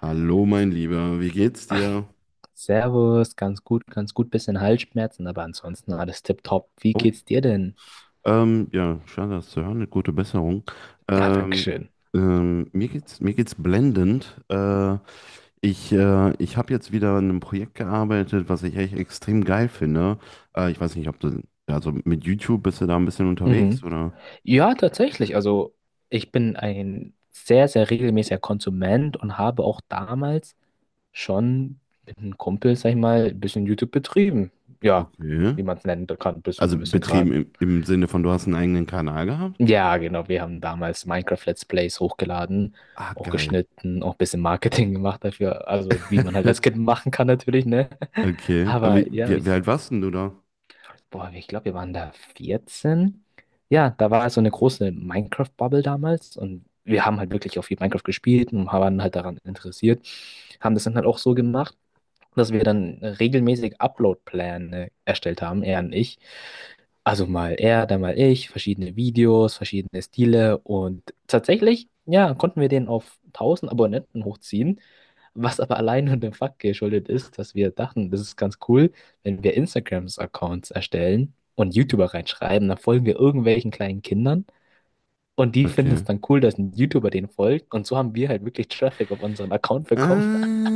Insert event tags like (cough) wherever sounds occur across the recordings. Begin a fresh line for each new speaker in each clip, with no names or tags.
Hallo, mein Lieber, wie geht's dir?
Servus, ganz gut, bisschen Halsschmerzen, aber ansonsten alles tipptopp. Wie
Oh,
geht's dir denn?
ja, schade, das zu hören, eine gute Besserung.
Ah,
Ähm,
Dankeschön.
mir geht's blendend. Ich habe jetzt wieder an einem Projekt gearbeitet, was ich echt extrem geil finde. Ich weiß nicht, also mit YouTube bist du da ein bisschen unterwegs
Mhm.
oder?
Ja, tatsächlich. Also, ich bin ein sehr, sehr regelmäßiger Konsument und habe auch damals schon mit einem Kumpel, sag ich mal, ein bisschen YouTube betrieben. Ja,
Okay.
wie man es nennen kann, bis zu einem
Also
gewissen Grad.
betrieben im Sinne von, du hast einen eigenen Kanal gehabt?
Ja, genau. Wir haben damals Minecraft Let's Plays hochgeladen,
Ah,
auch
geil.
geschnitten, auch ein bisschen Marketing (laughs) gemacht dafür. Also, wie man halt als Kind
(laughs)
machen kann, natürlich, ne? (laughs)
Okay. Aber wie,
Aber ja,
wie, wie
ich,
alt warst denn du da?
boah, ich glaube, wir waren da 14. Ja, da war so eine große Minecraft-Bubble damals und wir haben halt wirklich auch viel Minecraft gespielt und waren halt daran interessiert. Haben das dann halt auch so gemacht, dass wir dann regelmäßig Upload-Pläne erstellt haben, er und ich. Also mal er, dann mal ich, verschiedene Videos, verschiedene Stile und tatsächlich, ja, konnten wir den auf 1000 Abonnenten hochziehen, was aber allein nur dem Fakt geschuldet ist, dass wir dachten, das ist ganz cool, wenn wir Instagrams-Accounts erstellen und YouTuber reinschreiben, dann folgen wir irgendwelchen kleinen Kindern und die finden
Okay.
es dann cool, dass ein YouTuber den folgt, und so haben wir halt wirklich Traffic auf unseren Account bekommen.
Ah,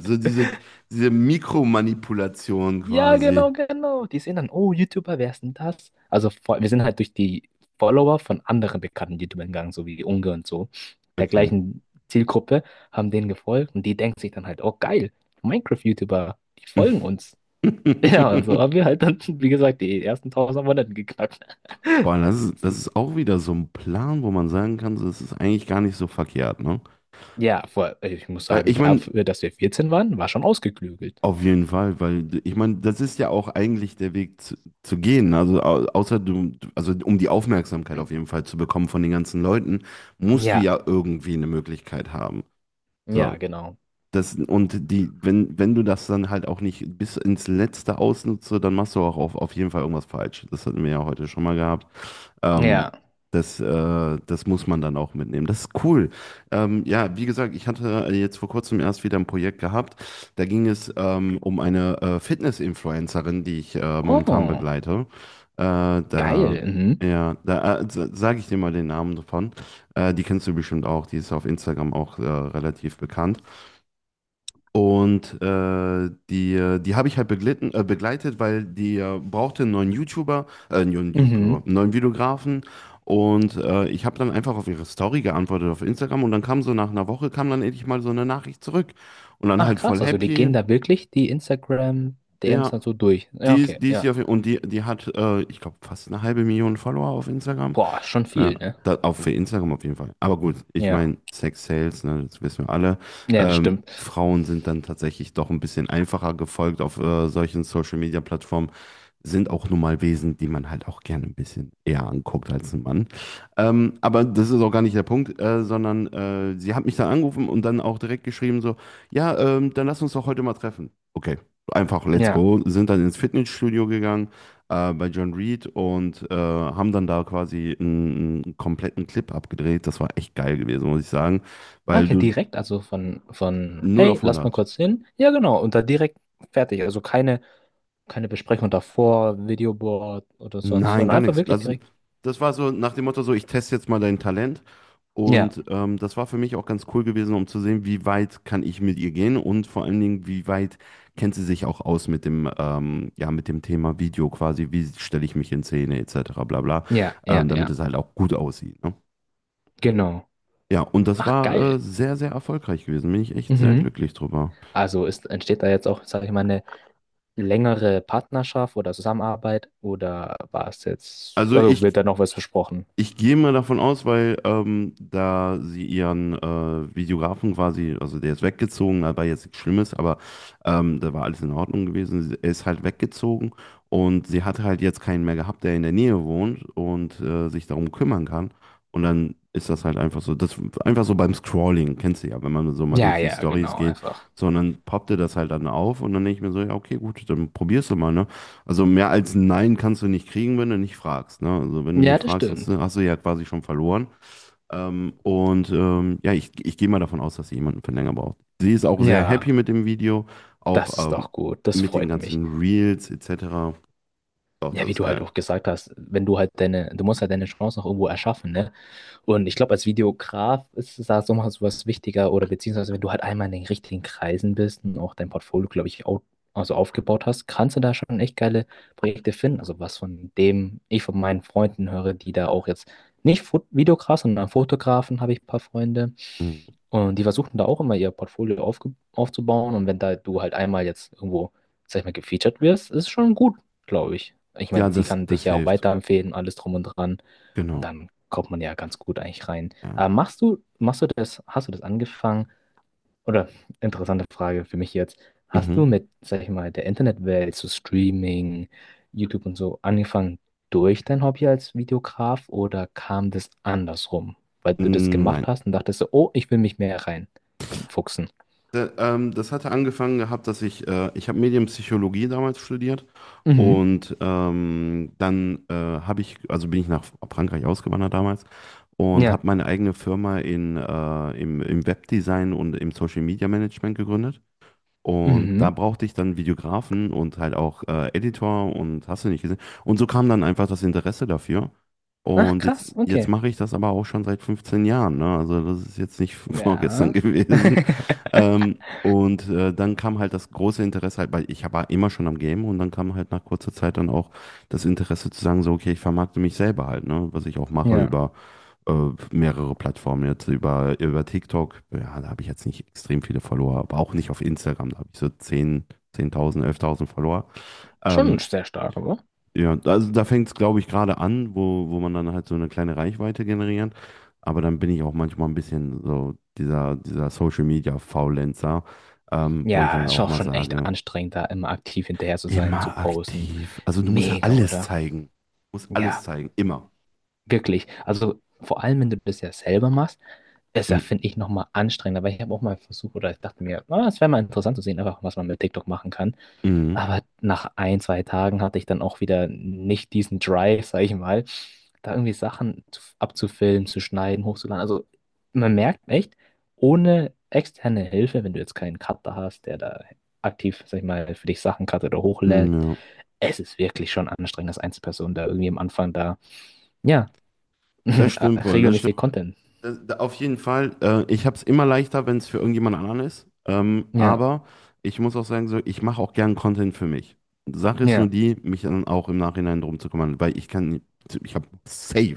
so diese Mikromanipulation
Ja,
quasi.
genau, genau. Die sehen dann, oh, YouTuber, wer ist denn das? Also vor- wir sind halt durch die Follower von anderen bekannten YouTubern gegangen, so wie Unge und so, der
Okay.
gleichen Zielgruppe, haben denen gefolgt und die denken sich dann halt, oh geil, Minecraft-YouTuber, die folgen uns. (laughs) Ja, und so haben wir
(laughs)
halt dann, wie gesagt, die ersten 1000 Abonnenten geknackt. (laughs)
Boah, das ist auch wieder so ein Plan, wo man sagen kann, so, das ist eigentlich gar nicht so verkehrt, ne?
Ja, vor, ich muss
Weil
sagen,
ich meine,
dafür, dass wir 14 waren, war schon ausgeklügelt.
auf jeden Fall, ich meine, das ist ja eigentlich der Weg zu gehen. Also um die Aufmerksamkeit auf jeden Fall zu bekommen von den ganzen Leuten, musst du
Ja,
ja irgendwie eine Möglichkeit haben.
ja,
So,
genau.
Das, und die, wenn, wenn du das dann halt auch nicht bis ins Letzte ausnutzt, dann machst du auch auf jeden Fall irgendwas falsch. Das hatten wir ja heute schon mal gehabt. Ähm,
Ja.
das muss man dann auch mitnehmen. Das ist cool. Ja, wie gesagt, ich hatte jetzt vor kurzem erst wieder ein Projekt gehabt. Da ging es um eine Fitness-Influencerin, die ich momentan
Oh,
begleite. Äh, da,
geil. Mhm.
ja, da sage ich dir mal den Namen davon. Die kennst du bestimmt auch. Die ist auf Instagram auch relativ bekannt. Und die habe ich halt begleitet, weil die brauchte einen neuen YouTuber,
Mhm.
einen neuen Videografen. Und ich habe dann einfach auf ihre Story geantwortet auf Instagram und dann kam so nach einer Woche, kam dann endlich mal so eine Nachricht zurück. Und dann
Ach
halt voll
krass, also die
happy.
gehen da wirklich die Instagram-DMs
Ja,
dann so durch. Ja, okay,
die ist hier
ja.
auf, und die, die hat, ich glaube, fast eine halbe Million Follower auf Instagram.
Boah, schon
Ja,
viel, ne?
da, auch für Instagram auf jeden Fall. Aber gut, ich
Ja,
meine, Sex Sales, ne, das wissen wir alle.
ja, das stimmt.
Frauen sind dann tatsächlich doch ein bisschen einfacher gefolgt auf solchen Social Media Plattformen sind auch nun mal Wesen, die man halt auch gerne ein bisschen eher anguckt als ein Mann. Aber das ist auch gar nicht der Punkt, sondern sie hat mich dann angerufen und dann auch direkt geschrieben so, ja, dann lass uns doch heute mal treffen. Okay, einfach let's
Ja.
go. Sind dann ins Fitnessstudio gegangen bei John Reed und haben dann da quasi einen kompletten Clip abgedreht. Das war echt geil gewesen, muss ich sagen,
Ah,
weil
okay,
du
direkt, also von,
null
hey,
auf
lass mal
hundert.
kurz hin. Ja, genau, und dann direkt fertig. Also keine, keine Besprechung davor, Videoboard oder sonst,
Nein,
sondern
gar
einfach
nichts.
wirklich
Also
direkt.
das war so nach dem Motto so, ich teste jetzt mal dein Talent.
Ja,
Und das war für mich auch ganz cool gewesen, um zu sehen, wie weit kann ich mit ihr gehen und vor allen Dingen, wie weit kennt sie sich auch aus mit dem, ja, mit dem Thema Video quasi, wie stelle ich mich in Szene etc. bla bla,
ja, ja,
damit
ja,
es halt auch gut aussieht. Ne?
genau.
Ja, und das
Ach,
war
geil.
sehr, sehr erfolgreich gewesen. Bin ich echt sehr
Mhm.
glücklich drüber.
Also ist, entsteht da jetzt auch, sage ich mal, eine längere Partnerschaft oder Zusammenarbeit oder war es jetzt,
Also
also wird
ich
da noch was versprochen?
Ich gehe mal davon aus, weil da sie ihren Videografen quasi, also der ist weggezogen, war jetzt nichts Schlimmes, aber da war alles in Ordnung gewesen. Er ist halt weggezogen und sie hat halt jetzt keinen mehr gehabt, der in der Nähe wohnt und sich darum kümmern kann. Und dann ist das halt einfach so, das einfach so beim Scrolling, kennst du ja, wenn man so mal
Ja,
durch die
ja,
Stories
genau,
geht,
einfach.
sondern poppte das halt dann auf und dann denke ich mir so, ja, okay, gut, dann probierst du mal, ne? Also mehr als ein Nein kannst du nicht kriegen, wenn du nicht fragst. Ne? Also wenn du
Ja,
nicht
das
fragst, hast
stimmt.
du, hast du ja quasi schon verloren. Und ja, ich gehe mal davon aus, dass sie jemanden für länger braucht. Sie ist auch sehr
Ja,
happy mit dem Video, auch
das ist doch gut. Das
mit den
freut mich.
ganzen Reels etc. Doch,
Ja,
das
wie
ist
du halt
geil.
auch gesagt hast, wenn du halt deine, du musst halt deine Chance noch irgendwo erschaffen, ne? Und ich glaube, als Videograf ist es da so mal sowas wichtiger oder beziehungsweise wenn du halt einmal in den richtigen Kreisen bist und auch dein Portfolio, glaube ich, au- also aufgebaut hast, kannst du da schon echt geile Projekte finden. Also was von dem ich von meinen Freunden höre, die da auch jetzt nicht Fot Videograf, sondern Fotografen, habe ich ein paar Freunde.
Mhm.
Und die versuchen da auch immer ihr Portfolio aufge aufzubauen. Und wenn da du halt einmal jetzt irgendwo, sag ich mal, gefeatured wirst, ist schon gut, glaube ich. Ich
Ja,
meine, sie
das,
kann dich
das
ja auch
hilft.
weiterempfehlen, alles drum und dran. Und
Genau.
dann kommt man ja ganz gut eigentlich rein.
Ja.
Aber machst du das, hast du das angefangen? Oder interessante Frage für mich jetzt. Hast du
Mhm.
mit, sag ich mal, der Internetwelt, so Streaming, YouTube und so angefangen durch dein Hobby als Videograf oder kam das andersrum? Weil du das
Mm,
gemacht
nein.
hast und dachtest so, oh, ich will mich mehr rein fuchsen.
Da, das hatte angefangen gehabt, dass ich habe Medienpsychologie damals studiert
Mhm.
und dann habe ich, also bin ich nach Frankreich ausgewandert damals und
Ja.
habe meine eigene Firma im Webdesign und im Social Media Management gegründet. Und da
Mhm.
brauchte ich dann Videografen und halt auch Editor und hast du nicht gesehen. Und so kam dann einfach das Interesse dafür.
Ach,
Und jetzt,
krass,
jetzt
okay.
mache ich das aber auch schon seit 15 Jahren, ne? Also das ist jetzt nicht (laughs) vorgestern
Ja.
gewesen.
(laughs)
Und dann kam halt das große Interesse halt, weil ich war immer schon am Game und dann kam halt nach kurzer Zeit dann auch das Interesse zu sagen, so, okay, ich vermarkte mich selber halt, ne? Was ich auch mache
Ja.
über äh, mehrere Plattformen jetzt, über TikTok, ja, da habe ich jetzt nicht extrem viele Follower, aber auch nicht auf Instagram, da habe ich so 10.000 11.000 Follower.
Schon
Ähm,
sehr stark, aber.
ja, also da fängt es, glaube ich, gerade an, wo man dann halt so eine kleine Reichweite generiert. Aber dann bin ich auch manchmal ein bisschen so dieser Social Media Faulenzer, wo ich
Ja,
dann
ist
auch
auch
mal
schon echt
sage,
anstrengend, da immer aktiv hinterher zu sein, zu
immer
posten.
aktiv. Also du musst ja
Mega,
alles
oder?
zeigen. Du musst alles
Ja,
zeigen, immer.
wirklich. Also vor allem, wenn du das ja selber machst, ist ja,
Mhm.
finde ich, nochmal anstrengender, weil ich habe auch mal versucht, oder ich dachte mir, ah, es wäre mal interessant zu sehen, einfach was man mit TikTok machen kann.
Mhm.
Aber nach ein, zwei Tagen hatte ich dann auch wieder nicht diesen Drive, sag ich mal, da irgendwie Sachen zu- abzufilmen, zu schneiden, hochzuladen. Also man merkt echt, ohne externe Hilfe, wenn du jetzt keinen Cutter hast, der da aktiv, sag ich mal, für dich Sachen cuttet oder hochlädt,
Ja,
es ist wirklich schon anstrengend, als Einzelperson da irgendwie am Anfang da, ja,
das stimmt
(laughs)
wohl.
regelmäßig Content.
Auf jeden Fall. Ich habe es immer leichter, wenn es für irgendjemand anderen ist.
Ja,
Aber ich muss auch sagen, so, ich mache auch gern Content für mich. Sache ist nur
ja,
die, mich dann auch im Nachhinein drum zu kümmern, weil ich kann, ich habe safe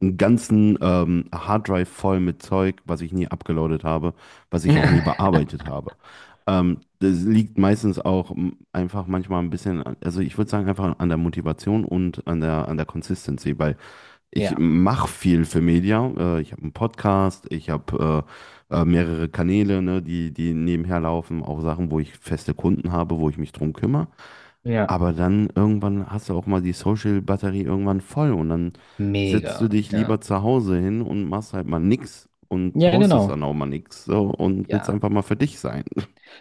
einen ganzen Harddrive voll mit Zeug, was ich nie abgeloadet habe, was ich auch nie
(laughs)
bearbeitet habe. Das liegt meistens auch einfach manchmal ein bisschen, also ich würde sagen, einfach an der Motivation und an der Consistency, weil ich
ja,
mache viel für Media. Ich habe einen Podcast, ich habe mehrere Kanäle, ne, die nebenher laufen, auch Sachen, wo ich feste Kunden habe, wo ich mich drum kümmere.
ja,
Aber dann irgendwann hast du auch mal die Social-Batterie irgendwann voll und dann setzt du
mega,
dich
ja.
lieber zu Hause hin und machst halt mal nix und
Ja,
postest
genau,
dann auch mal nix so, und willst
ja.
einfach mal für dich sein.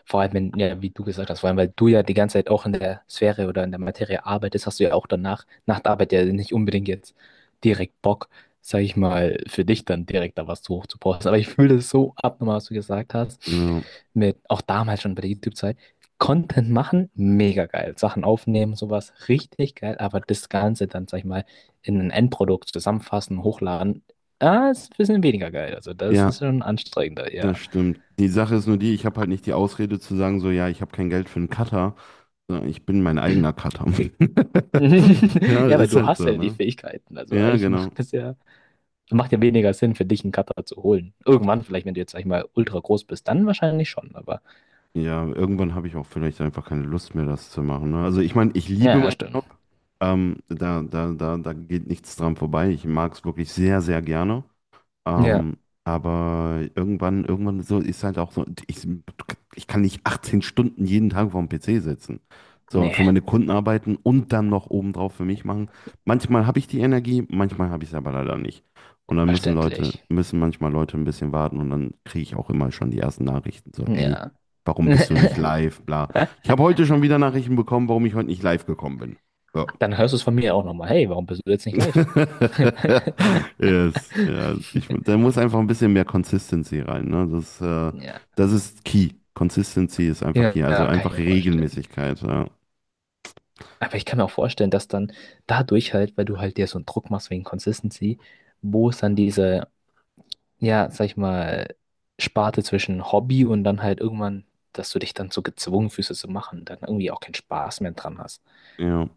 Vor allem, wenn, ja, wie du gesagt hast, vor allem, weil du ja die ganze Zeit auch in der Sphäre oder in der Materie arbeitest, hast du ja auch danach, nach der Arbeit ja nicht unbedingt jetzt direkt Bock, sag ich mal, für dich dann direkt da was zu hoch zu posten. Aber ich fühle es so abnormal, was du gesagt hast,
Ja,
mit, auch damals schon bei der YouTube-Zeit. Content machen, mega geil. Sachen aufnehmen, sowas, richtig geil. Aber das Ganze dann, sag ich mal, in ein Endprodukt zusammenfassen, hochladen, ah, ist ein bisschen weniger geil. Also das
ja,
ist schon anstrengender,
das
ja.
stimmt. Die Sache ist nur die, ich habe halt nicht die Ausrede zu sagen, so, ja, ich habe kein Geld für einen Cutter, sondern ich bin mein eigener Cutter. (laughs) (laughs) Ja,
(laughs) Ja, weil
ist
du
halt
hast
so,
ja die
ne?
Fähigkeiten. Also
Ja,
eigentlich
genau.
macht das ja, macht ja weniger Sinn für dich, einen Cutter zu holen. Irgendwann, vielleicht, wenn du jetzt, sag ich mal, ultra groß bist, dann wahrscheinlich schon, aber.
Ja, irgendwann habe ich auch vielleicht einfach keine Lust mehr, das zu machen. Ne? Also ich meine, ich liebe
Ja, ja,
meinen
stimmt.
Job. Da geht nichts dran vorbei. Ich mag es wirklich sehr, sehr gerne.
Ja.
Ähm, aber irgendwann so ist halt auch so, ich kann nicht 18 Stunden jeden Tag vorm PC sitzen. So, für
Nee,
meine Kunden arbeiten und dann noch obendrauf für mich machen. Manchmal habe ich die Energie, manchmal habe ich es aber leider nicht. Und dann müssen Leute,
verständlich.
müssen manchmal Leute ein bisschen warten und dann kriege ich auch immer schon die ersten Nachrichten. So, ey,
Ja.
warum bist du nicht
(laughs)
live? Bla. Ich habe heute schon wieder Nachrichten bekommen, warum ich heute nicht live gekommen bin. So.
Dann hörst du es von mir auch nochmal. Hey, warum bist du jetzt nicht live?
(laughs) Yes, ja, da muss einfach ein bisschen mehr Consistency rein, ne? Das, äh,
Ja.
das ist key. Consistency ist einfach
Ja,
key, also
ja, kann ich
einfach
mir vorstellen.
Regelmäßigkeit, ja.
Aber ich kann mir auch vorstellen, dass dann dadurch halt, weil du halt dir so einen Druck machst wegen Consistency, wo es dann diese, ja, sag ich mal, Sparte zwischen Hobby und dann halt irgendwann, dass du dich dann so gezwungen fühlst, es zu machen, dann irgendwie auch keinen Spaß mehr dran hast.
Ja.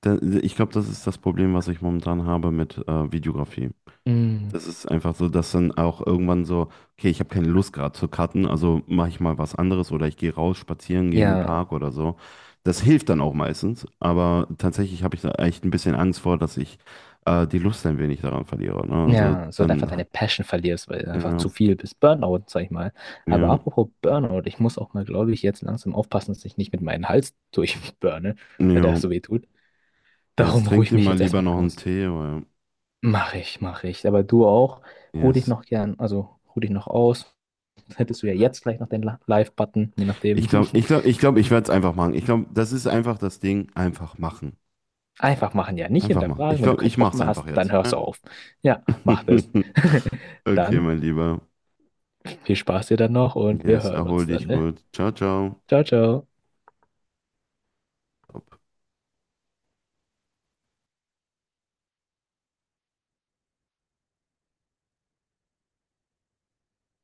Da, ich glaube, das ist das Problem, was ich momentan habe mit Videografie.
Mm,
Das ist einfach so, dass dann auch irgendwann so, okay, ich habe keine Lust gerade zu cutten, also mache ich mal was anderes oder ich gehe raus, spazieren, gehe in den
ja,
Park oder so. Das hilft dann auch meistens, aber tatsächlich habe ich da echt ein bisschen Angst vor, dass ich die Lust ein wenig daran verliere. Ne? Also
ja, so einfach
dann,
deine Passion verlierst, weil du einfach
ja,
zu viel bist. Burnout, sag ich mal.
ja,
Aber
ja.
apropos Burnout, ich muss auch mal, glaube ich, jetzt langsam aufpassen, dass ich nicht mit meinem Hals durchburne, weil der
Ja,
so weh tut.
jetzt
Darum ruhe
trinkt
ich
dir
mich
mal
jetzt
lieber
erstmal
noch einen
aus.
Tee oder,
Mach ich, mach ich. Aber du auch, ruh dich
yes.
noch gern, also ruh dich noch aus. Hättest du ja jetzt gleich noch den La- Live-Button, je nachdem.
Ich glaube, ich
(laughs)
glaube, ich glaube, ich werde es einfach machen. Ich glaube, das ist einfach das Ding, einfach machen.
Einfach machen, ja. Nicht
Einfach machen. Ich
hinterfragen. Wenn du
glaube,
keinen
ich mache
Bock
es
mehr
einfach
hast, dann
jetzt.
hörst du
ja?
auf. Ja, mach das.
(laughs)
(laughs)
Okay,
Dann
mein Lieber.
viel Spaß dir dann noch und wir
Yes,
hören
erhol
uns dann,
dich
ne?
gut. Ciao, ciao.
Ciao, ciao.